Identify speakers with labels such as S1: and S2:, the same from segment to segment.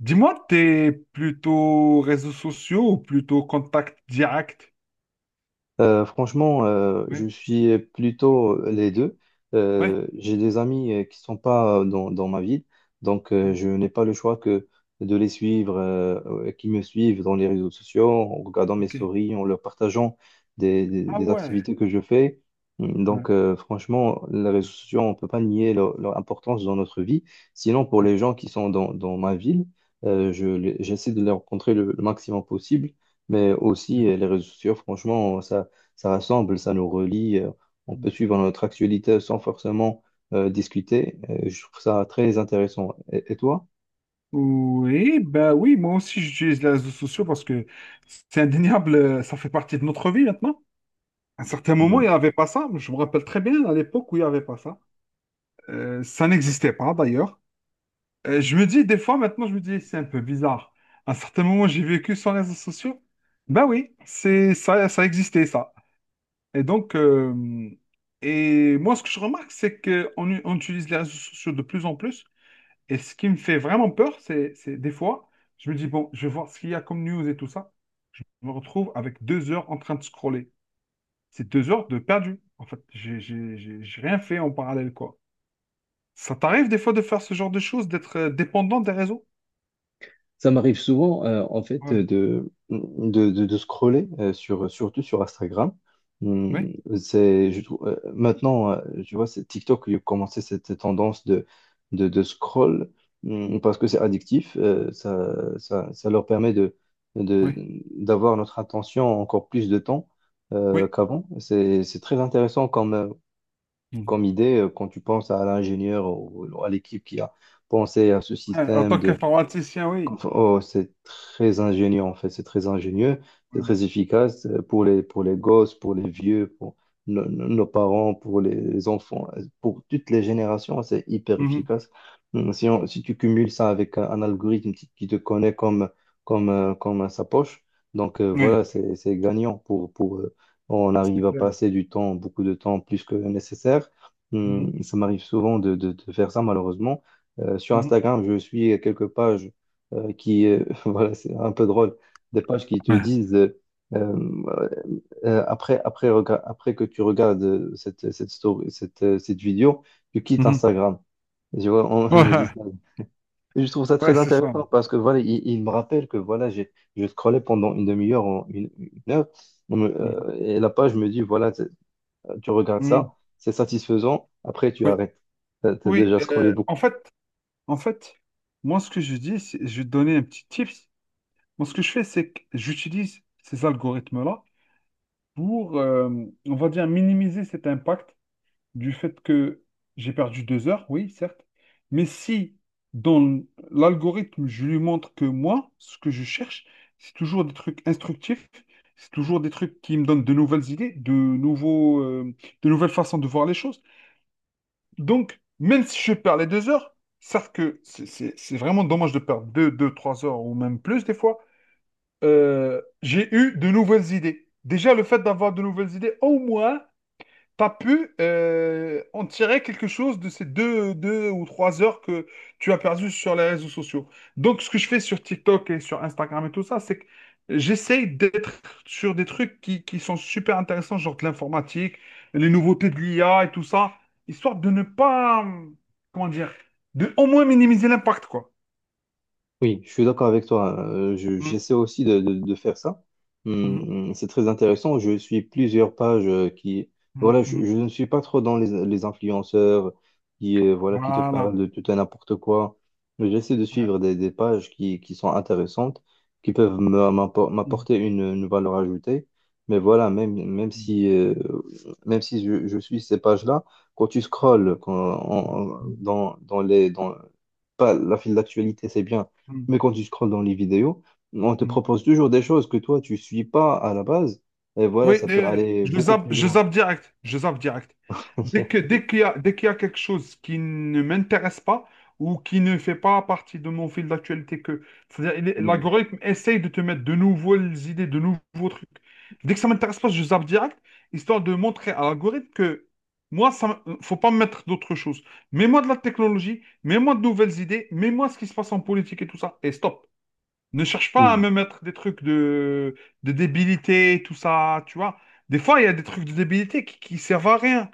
S1: Dis-moi, t'es plutôt réseaux sociaux ou plutôt contact direct?
S2: Franchement, je
S1: Oui,
S2: suis plutôt les deux.
S1: oui,
S2: J'ai des amis qui sont pas dans ma ville, donc
S1: oui,
S2: je n'ai pas le choix que de les suivre, qui me suivent dans les réseaux sociaux, en regardant mes
S1: ok.
S2: stories, en leur partageant
S1: Ah
S2: des
S1: ouais.
S2: activités que je fais. Mmh,
S1: Ouais,
S2: Donc, franchement, les réseaux sociaux, on ne peut pas nier leur importance dans notre vie. Sinon, pour
S1: ouais,
S2: les gens qui sont dans ma ville, j'essaie de les rencontrer le maximum possible. Mais aussi, les réseaux sociaux, franchement, ça rassemble, ça nous relie. On peut
S1: ouais.
S2: suivre notre actualité sans forcément discuter. Je trouve ça très intéressant. Et toi?
S1: Oui, ben oui, moi aussi j'utilise les réseaux sociaux parce que c'est indéniable, ça fait partie de notre vie maintenant. À un certain moment,
S2: Mmh.
S1: il n'y avait pas ça. Je me rappelle très bien à l'époque où il n'y avait pas ça. Ça n'existait pas d'ailleurs. Je me dis, des fois maintenant, je me dis, c'est un peu bizarre. À un certain moment, j'ai vécu sans réseaux sociaux. Ben oui, c'est ça, ça existait ça. Et donc, et moi, ce que je remarque, c'est qu'on on utilise les réseaux sociaux de plus en plus. Et ce qui me fait vraiment peur, c'est des fois, je me dis, bon, je vais voir ce qu'il y a comme news et tout ça. Je me retrouve avec deux heures en train de scroller. C'est deux heures de perdu. En fait, j'ai rien fait en parallèle, quoi. Ça t'arrive des fois de faire ce genre de choses, d'être dépendant des réseaux?
S2: Ça m'arrive souvent, en fait,
S1: Ouais.
S2: de scroller, surtout sur Instagram.
S1: Oui,
S2: C'est, je trouve, maintenant, tu vois, c'est TikTok qui a commencé cette tendance de scroll, parce que c'est addictif. Ça leur permet de,
S1: oui,
S2: d'avoir notre attention encore plus de temps,
S1: oui.
S2: qu'avant. C'est très intéressant
S1: Mhm.
S2: comme idée quand tu penses à l'ingénieur ou à l'équipe qui a pensé à ce
S1: Ouais, en
S2: système
S1: tant
S2: de
S1: qu'informaticien,
S2: comme
S1: oui.
S2: ça. Oh, c'est très ingénieux en fait, c'est très ingénieux, c'est
S1: Ouais.
S2: très efficace pour les gosses, pour les vieux, pour nos parents, pour les enfants, pour toutes les générations, c'est hyper
S1: Mhm.
S2: efficace. Si, si tu cumules ça avec un algorithme qui te connaît comme à sa poche, donc
S1: Oui,
S2: voilà, c'est gagnant pour on
S1: c'est
S2: arrive à
S1: clair.
S2: passer du temps, beaucoup de temps plus que nécessaire.
S1: Mhm.
S2: Ça m'arrive souvent de faire ça malheureusement. Sur
S1: Mhm.
S2: Instagram, je suis quelques pages voilà, c'est un peu drôle, des pages qui te
S1: Ouais.
S2: disent, euh, après que tu regardes cette story, cette vidéo, tu quittes
S1: Mhm.
S2: Instagram. Je vois, on me dit
S1: Ouais.
S2: ça. Et je trouve ça
S1: Ouais,
S2: très
S1: c'est ça.
S2: intéressant parce que voilà, il me rappelle que voilà, je scrollais pendant une demi-heure, 1 heure,
S1: Mhm.
S2: et la page me dit, tu regardes
S1: Mhm.
S2: ça, c'est satisfaisant, après tu
S1: Oui,
S2: arrêtes. T'as
S1: oui.
S2: déjà scrollé beaucoup.
S1: En fait, Moi, ce que je dis, je vais te donner un petit tips. Moi, ce que je fais, c'est que j'utilise ces algorithmes-là pour, on va dire, minimiser cet impact du fait que j'ai perdu deux heures, oui, certes. Mais si dans l'algorithme, je lui montre que moi, ce que je cherche, c'est toujours des trucs instructifs, c'est toujours des trucs qui me donnent de nouvelles idées, de nouveaux, de nouvelles façons de voir les choses. Donc, même si je perds les deux heures, certes que c'est vraiment dommage de perdre deux, trois heures ou même plus des fois, j'ai eu de nouvelles idées. Déjà, le fait d'avoir de nouvelles idées, au moins, pas pu en tirer quelque chose de ces deux ou trois heures que tu as perdu sur les réseaux sociaux. Donc, ce que je fais sur TikTok et sur Instagram et tout ça, c'est que j'essaye d'être sur des trucs qui sont super intéressants, genre de l'informatique, les nouveautés de l'IA et tout ça, histoire de ne pas, comment dire, de au moins minimiser l'impact, quoi.
S2: Oui, je suis d'accord avec toi.
S1: Mm,
S2: J'essaie aussi de faire ça.
S1: mm,
S2: C'est très intéressant. Je suis plusieurs pages qui...
S1: mm,
S2: Voilà,
S1: mm.
S2: je ne suis pas trop dans les influenceurs voilà, qui te parlent
S1: Voilà.
S2: de tout et n'importe quoi. Mais j'essaie de
S1: Ouais.
S2: suivre des pages qui sont intéressantes, qui peuvent
S1: Mm,
S2: m'apporter une valeur ajoutée. Mais voilà,
S1: mm,
S2: même si je suis ces pages-là, quand tu scrolles quand, en- en-
S1: mm,
S2: dans, dans pas la file d'actualité, c'est bien,
S1: mm, mm,
S2: mais quand tu scrolles dans les vidéos, on te
S1: mm.
S2: propose toujours des choses que toi, tu suis pas à la base. Et voilà,
S1: Oui,
S2: ça peut aller beaucoup plus
S1: je
S2: loin.
S1: zappe direct, je zappe direct. Dès qu'il y a, dès qu'il y a quelque chose qui ne m'intéresse pas ou qui ne fait pas partie de mon fil d'actualité c'est-à-dire,
S2: Mm,
S1: l'algorithme essaye de te mettre de nouvelles idées, de nouveaux trucs. Dès que ça m'intéresse pas, je zappe direct, histoire de montrer à l'algorithme que moi, ça, faut pas me mettre d'autres choses. Mets-moi de la technologie, mets-moi de nouvelles idées, mets-moi ce qui se passe en politique et tout ça, et stop. Ne cherche pas à
S2: mm,
S1: me mettre des trucs de débilité, tout ça, tu vois. Des fois, il y a des trucs de débilité qui servent à rien.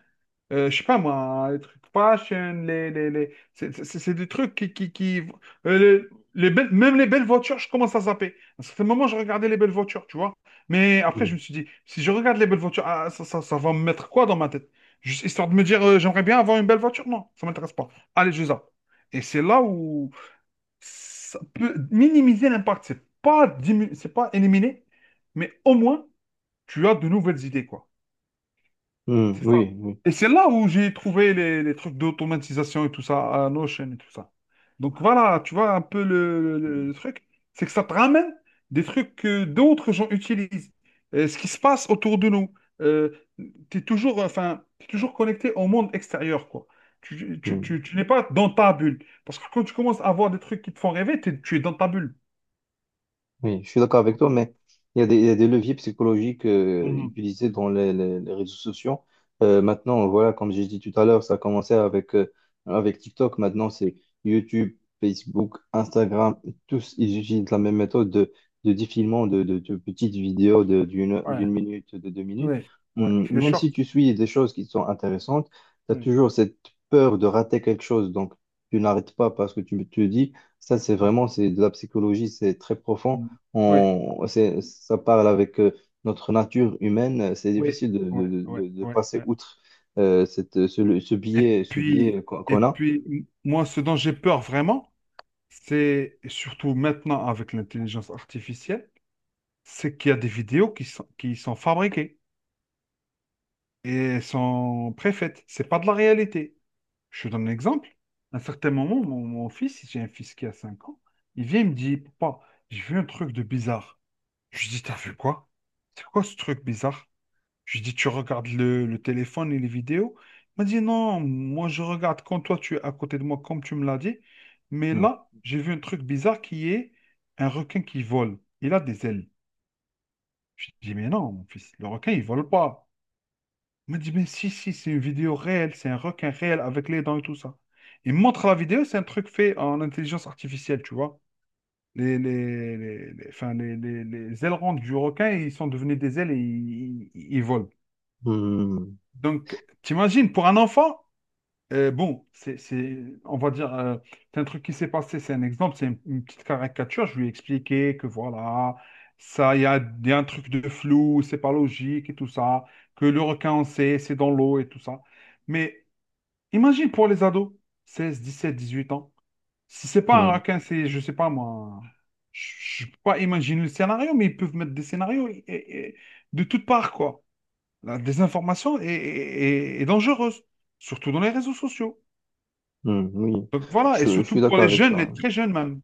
S1: Je sais pas, moi, les trucs fashion, les... C'est des trucs qui... qui... euh, les Même les belles voitures, je commence à zapper. À un certain moment, je regardais les belles voitures, tu vois. Mais après, je
S2: mm,
S1: me suis dit, si je regarde les belles voitures, ah, ça va me mettre quoi dans ma tête? Juste histoire de me dire, j'aimerais bien avoir une belle voiture? Non, ça m'intéresse pas. Allez, je zappe. Et c'est là où ça peut minimiser l'impact. C'est pas éliminer, mais au moins tu as de nouvelles idées, quoi.
S2: mm,
S1: C'est ça.
S2: oui, oui.
S1: Et c'est là où j'ai trouvé les trucs d'automatisation et tout ça, à Notion et tout ça. Donc voilà, tu vois un peu le truc, c'est que ça te ramène des trucs que d'autres gens utilisent, ce qui se passe autour de nous. Euh, T'es toujours, enfin, t'es toujours connecté au monde extérieur, quoi.
S2: Mm.
S1: Tu n'es pas dans ta bulle. Parce que quand tu commences à voir des trucs qui te font rêver, tu es dans ta bulle.
S2: Oui, je suis d'accord avec toi, mais il y a il y a des leviers psychologiques
S1: Mhm.
S2: utilisés dans les réseaux sociaux. Maintenant, voilà, comme j'ai dit tout à l'heure, ça a commencé avec TikTok. Maintenant, c'est YouTube, Facebook, Instagram. Tous, ils utilisent la même méthode de défilement de petites vidéos
S1: Ouais,
S2: d'1 minute, de 2 minutes.
S1: ouais, ouais. Le
S2: Même si
S1: short.
S2: tu suis des choses qui sont intéressantes, tu as
S1: Ouais.
S2: toujours cette peur de rater quelque chose. Donc, tu n'arrêtes pas parce que tu te dis, ça, c'est de la psychologie, c'est très profond,
S1: Mm. Ouais,
S2: ça parle avec notre nature humaine. C'est
S1: ouais,
S2: difficile
S1: ouais, ouais,
S2: de
S1: ouais,
S2: passer
S1: ouais.
S2: outre
S1: Et
S2: ce
S1: puis,
S2: biais
S1: et
S2: qu'on a.
S1: puis, moi, ce dont j'ai peur vraiment, c'est et surtout maintenant avec l'intelligence artificielle, c'est qu'il y a des vidéos qui sont fabriquées et sont préfaites. C'est pas de la réalité. Je te donne un exemple. À un certain moment, mon fils, j'ai un fils qui a 5 ans, il vient, il me dit, Papa, j'ai vu un truc de bizarre. Je lui dis, t'as vu quoi? C'est quoi ce truc bizarre? Je lui dis, tu regardes le téléphone et les vidéos? Il m'a dit, non, moi je regarde quand toi tu es à côté de moi, comme tu me l'as dit. Mais
S2: Hmm.
S1: là, j'ai vu un truc bizarre qui est un requin qui vole. Il a des ailes. Je lui dis, mais non, mon fils, le requin, il vole pas. Il m'a dit, mais si, si, c'est une vidéo réelle, c'est un requin réel avec les dents et tout ça. Il me montre la vidéo, c'est un truc fait en intelligence artificielle, tu vois. Enfin, les ailerons du requin, ils sont devenus des ailes et ils volent.
S2: Hmm.
S1: Donc, t'imagines, pour un enfant, bon, c'est, on va dire, c'est un truc qui s'est passé, c'est un exemple, c'est une petite caricature. Je lui ai expliqué que voilà, ça, il y a un truc de flou, c'est pas logique et tout ça, que le requin, on sait, c'est dans l'eau et tout ça. Mais imagine pour les ados, seize dix sept dix huit ans. Si c'est pas un
S2: Hmm.
S1: requin, c'est, je sais pas moi, je peux pas imaginer le scénario, mais ils peuvent mettre des scénarios de toutes parts, quoi. La désinformation est dangereuse, surtout dans les réseaux sociaux.
S2: Hmm. Oui,
S1: Donc voilà, et
S2: je
S1: surtout
S2: suis
S1: pour
S2: d'accord
S1: les
S2: avec
S1: jeunes,
S2: toi,
S1: les
S2: hein.
S1: très jeunes même.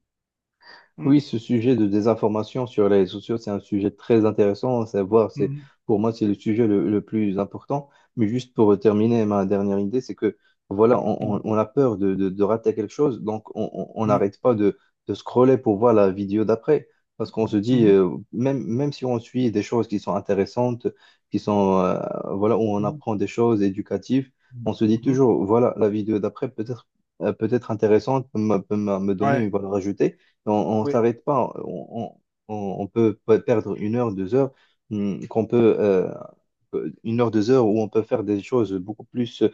S1: Mm,
S2: Oui, ce sujet de désinformation sur les réseaux sociaux, c'est un sujet très intéressant à savoir.
S1: mhm,
S2: Pour moi, c'est le sujet le plus important. Mais juste pour terminer, ma dernière idée, c'est que voilà,
S1: mhm,
S2: on a peur de rater quelque chose, donc on
S1: mhm,
S2: n'arrête pas de scroller pour voir la vidéo d'après. Parce qu'on se dit,
S1: mhm,
S2: même si on suit des choses qui sont intéressantes, qui sont, euh, voilà, où on
S1: mhm,
S2: apprend des choses éducatives,
S1: mhm,
S2: on se dit
S1: mhm.
S2: toujours, voilà, la vidéo d'après peut-être peut-être intéressante, me donner
S1: Ouais,
S2: une valeur ajoutée. On ne
S1: ouais,
S2: s'arrête pas. On peut perdre 1 heure, 2 heures, qu'on peut 1 heure, 2 heures où on peut faire des choses beaucoup plus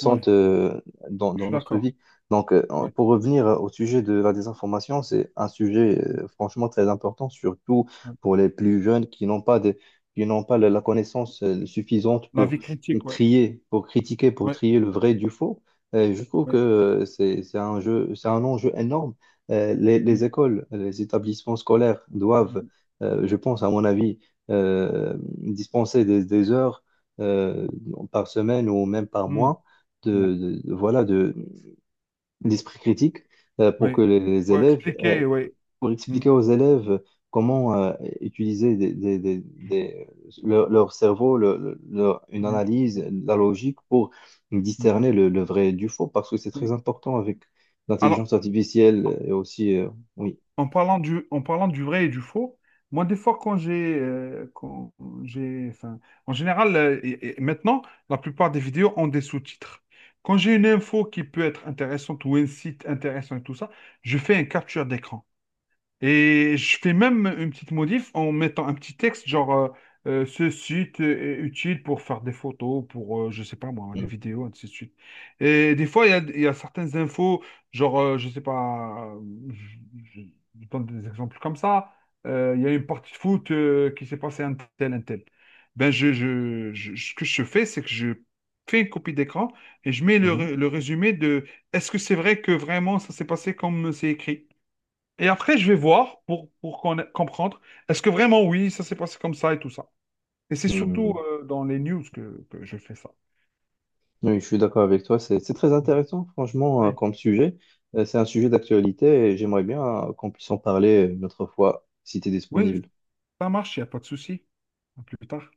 S1: ouais,
S2: dans,
S1: je
S2: dans
S1: suis
S2: notre
S1: d'accord.
S2: vie.
S1: Ouais,
S2: Pour revenir au sujet de la désinformation, c'est un sujet
S1: mm,
S2: franchement très important, surtout
S1: ouais.
S2: pour les plus jeunes qui n'ont pas de, qui n'ont pas la connaissance suffisante
S1: La
S2: pour
S1: vie critique, ouais,
S2: trier, pour critiquer, pour
S1: ouais,
S2: trier le vrai du faux. Et je trouve que
S1: ouais.
S2: c'est un jeu, c'est un enjeu énorme.
S1: Mm,
S2: Les écoles, les établissements scolaires doivent,
S1: mm,
S2: je pense, à mon avis, euh, dispenser des heures euh, par semaine ou même par
S1: mm,
S2: mois
S1: ouais,
S2: de- voilà de d'esprit critique pour que
S1: ouais.
S2: les
S1: Faut
S2: élèves
S1: expliquer, ouais.
S2: pour
S1: Mm.
S2: expliquer aux élèves comment utiliser leur cerveau, une
S1: Ouais,
S2: analyse, la
S1: ouais, ouais.
S2: logique pour
S1: Mhm.
S2: discerner le vrai du faux parce que c'est
S1: Oui.
S2: très important avec
S1: Alors,
S2: l'intelligence artificielle et aussi oui.
S1: en parlant du vrai et du faux, moi, des fois, quand j'ai, enfin, en général, et maintenant, la plupart des vidéos ont des sous-titres. Quand j'ai une info qui peut être intéressante ou un site intéressant et tout ça, je fais un capture d'écran. Et je fais même une petite modif en mettant un petit texte, genre ce site est utile pour faire des photos, pour, je sais pas moi, des
S2: Mhm.
S1: vidéos, ainsi de suite. Et des fois, il y a certaines infos, genre, je sais pas, je, je- je donne des exemples comme ça. Il y a une partie de foot qui s'est passée un tel, un tel. Ben, ce que je fais, c'est que je fais une copie d'écran et je mets
S2: Mhm.
S1: le résumé de est-ce que c'est vrai que vraiment ça s'est passé comme c'est écrit? Et après, je vais voir pour comprendre, est-ce que vraiment, oui, ça s'est passé comme ça et tout ça. Et c'est surtout
S2: Mhm.
S1: dans les news que je fais ça.
S2: Oui, je suis d'accord avec toi. C'est très intéressant, franchement,
S1: Oui,
S2: comme sujet. C'est un sujet d'actualité et j'aimerais bien qu'on puisse en parler une autre fois, si tu es
S1: oui,
S2: disponible.
S1: ça marche, il n'y a pas de souci. À plus tard.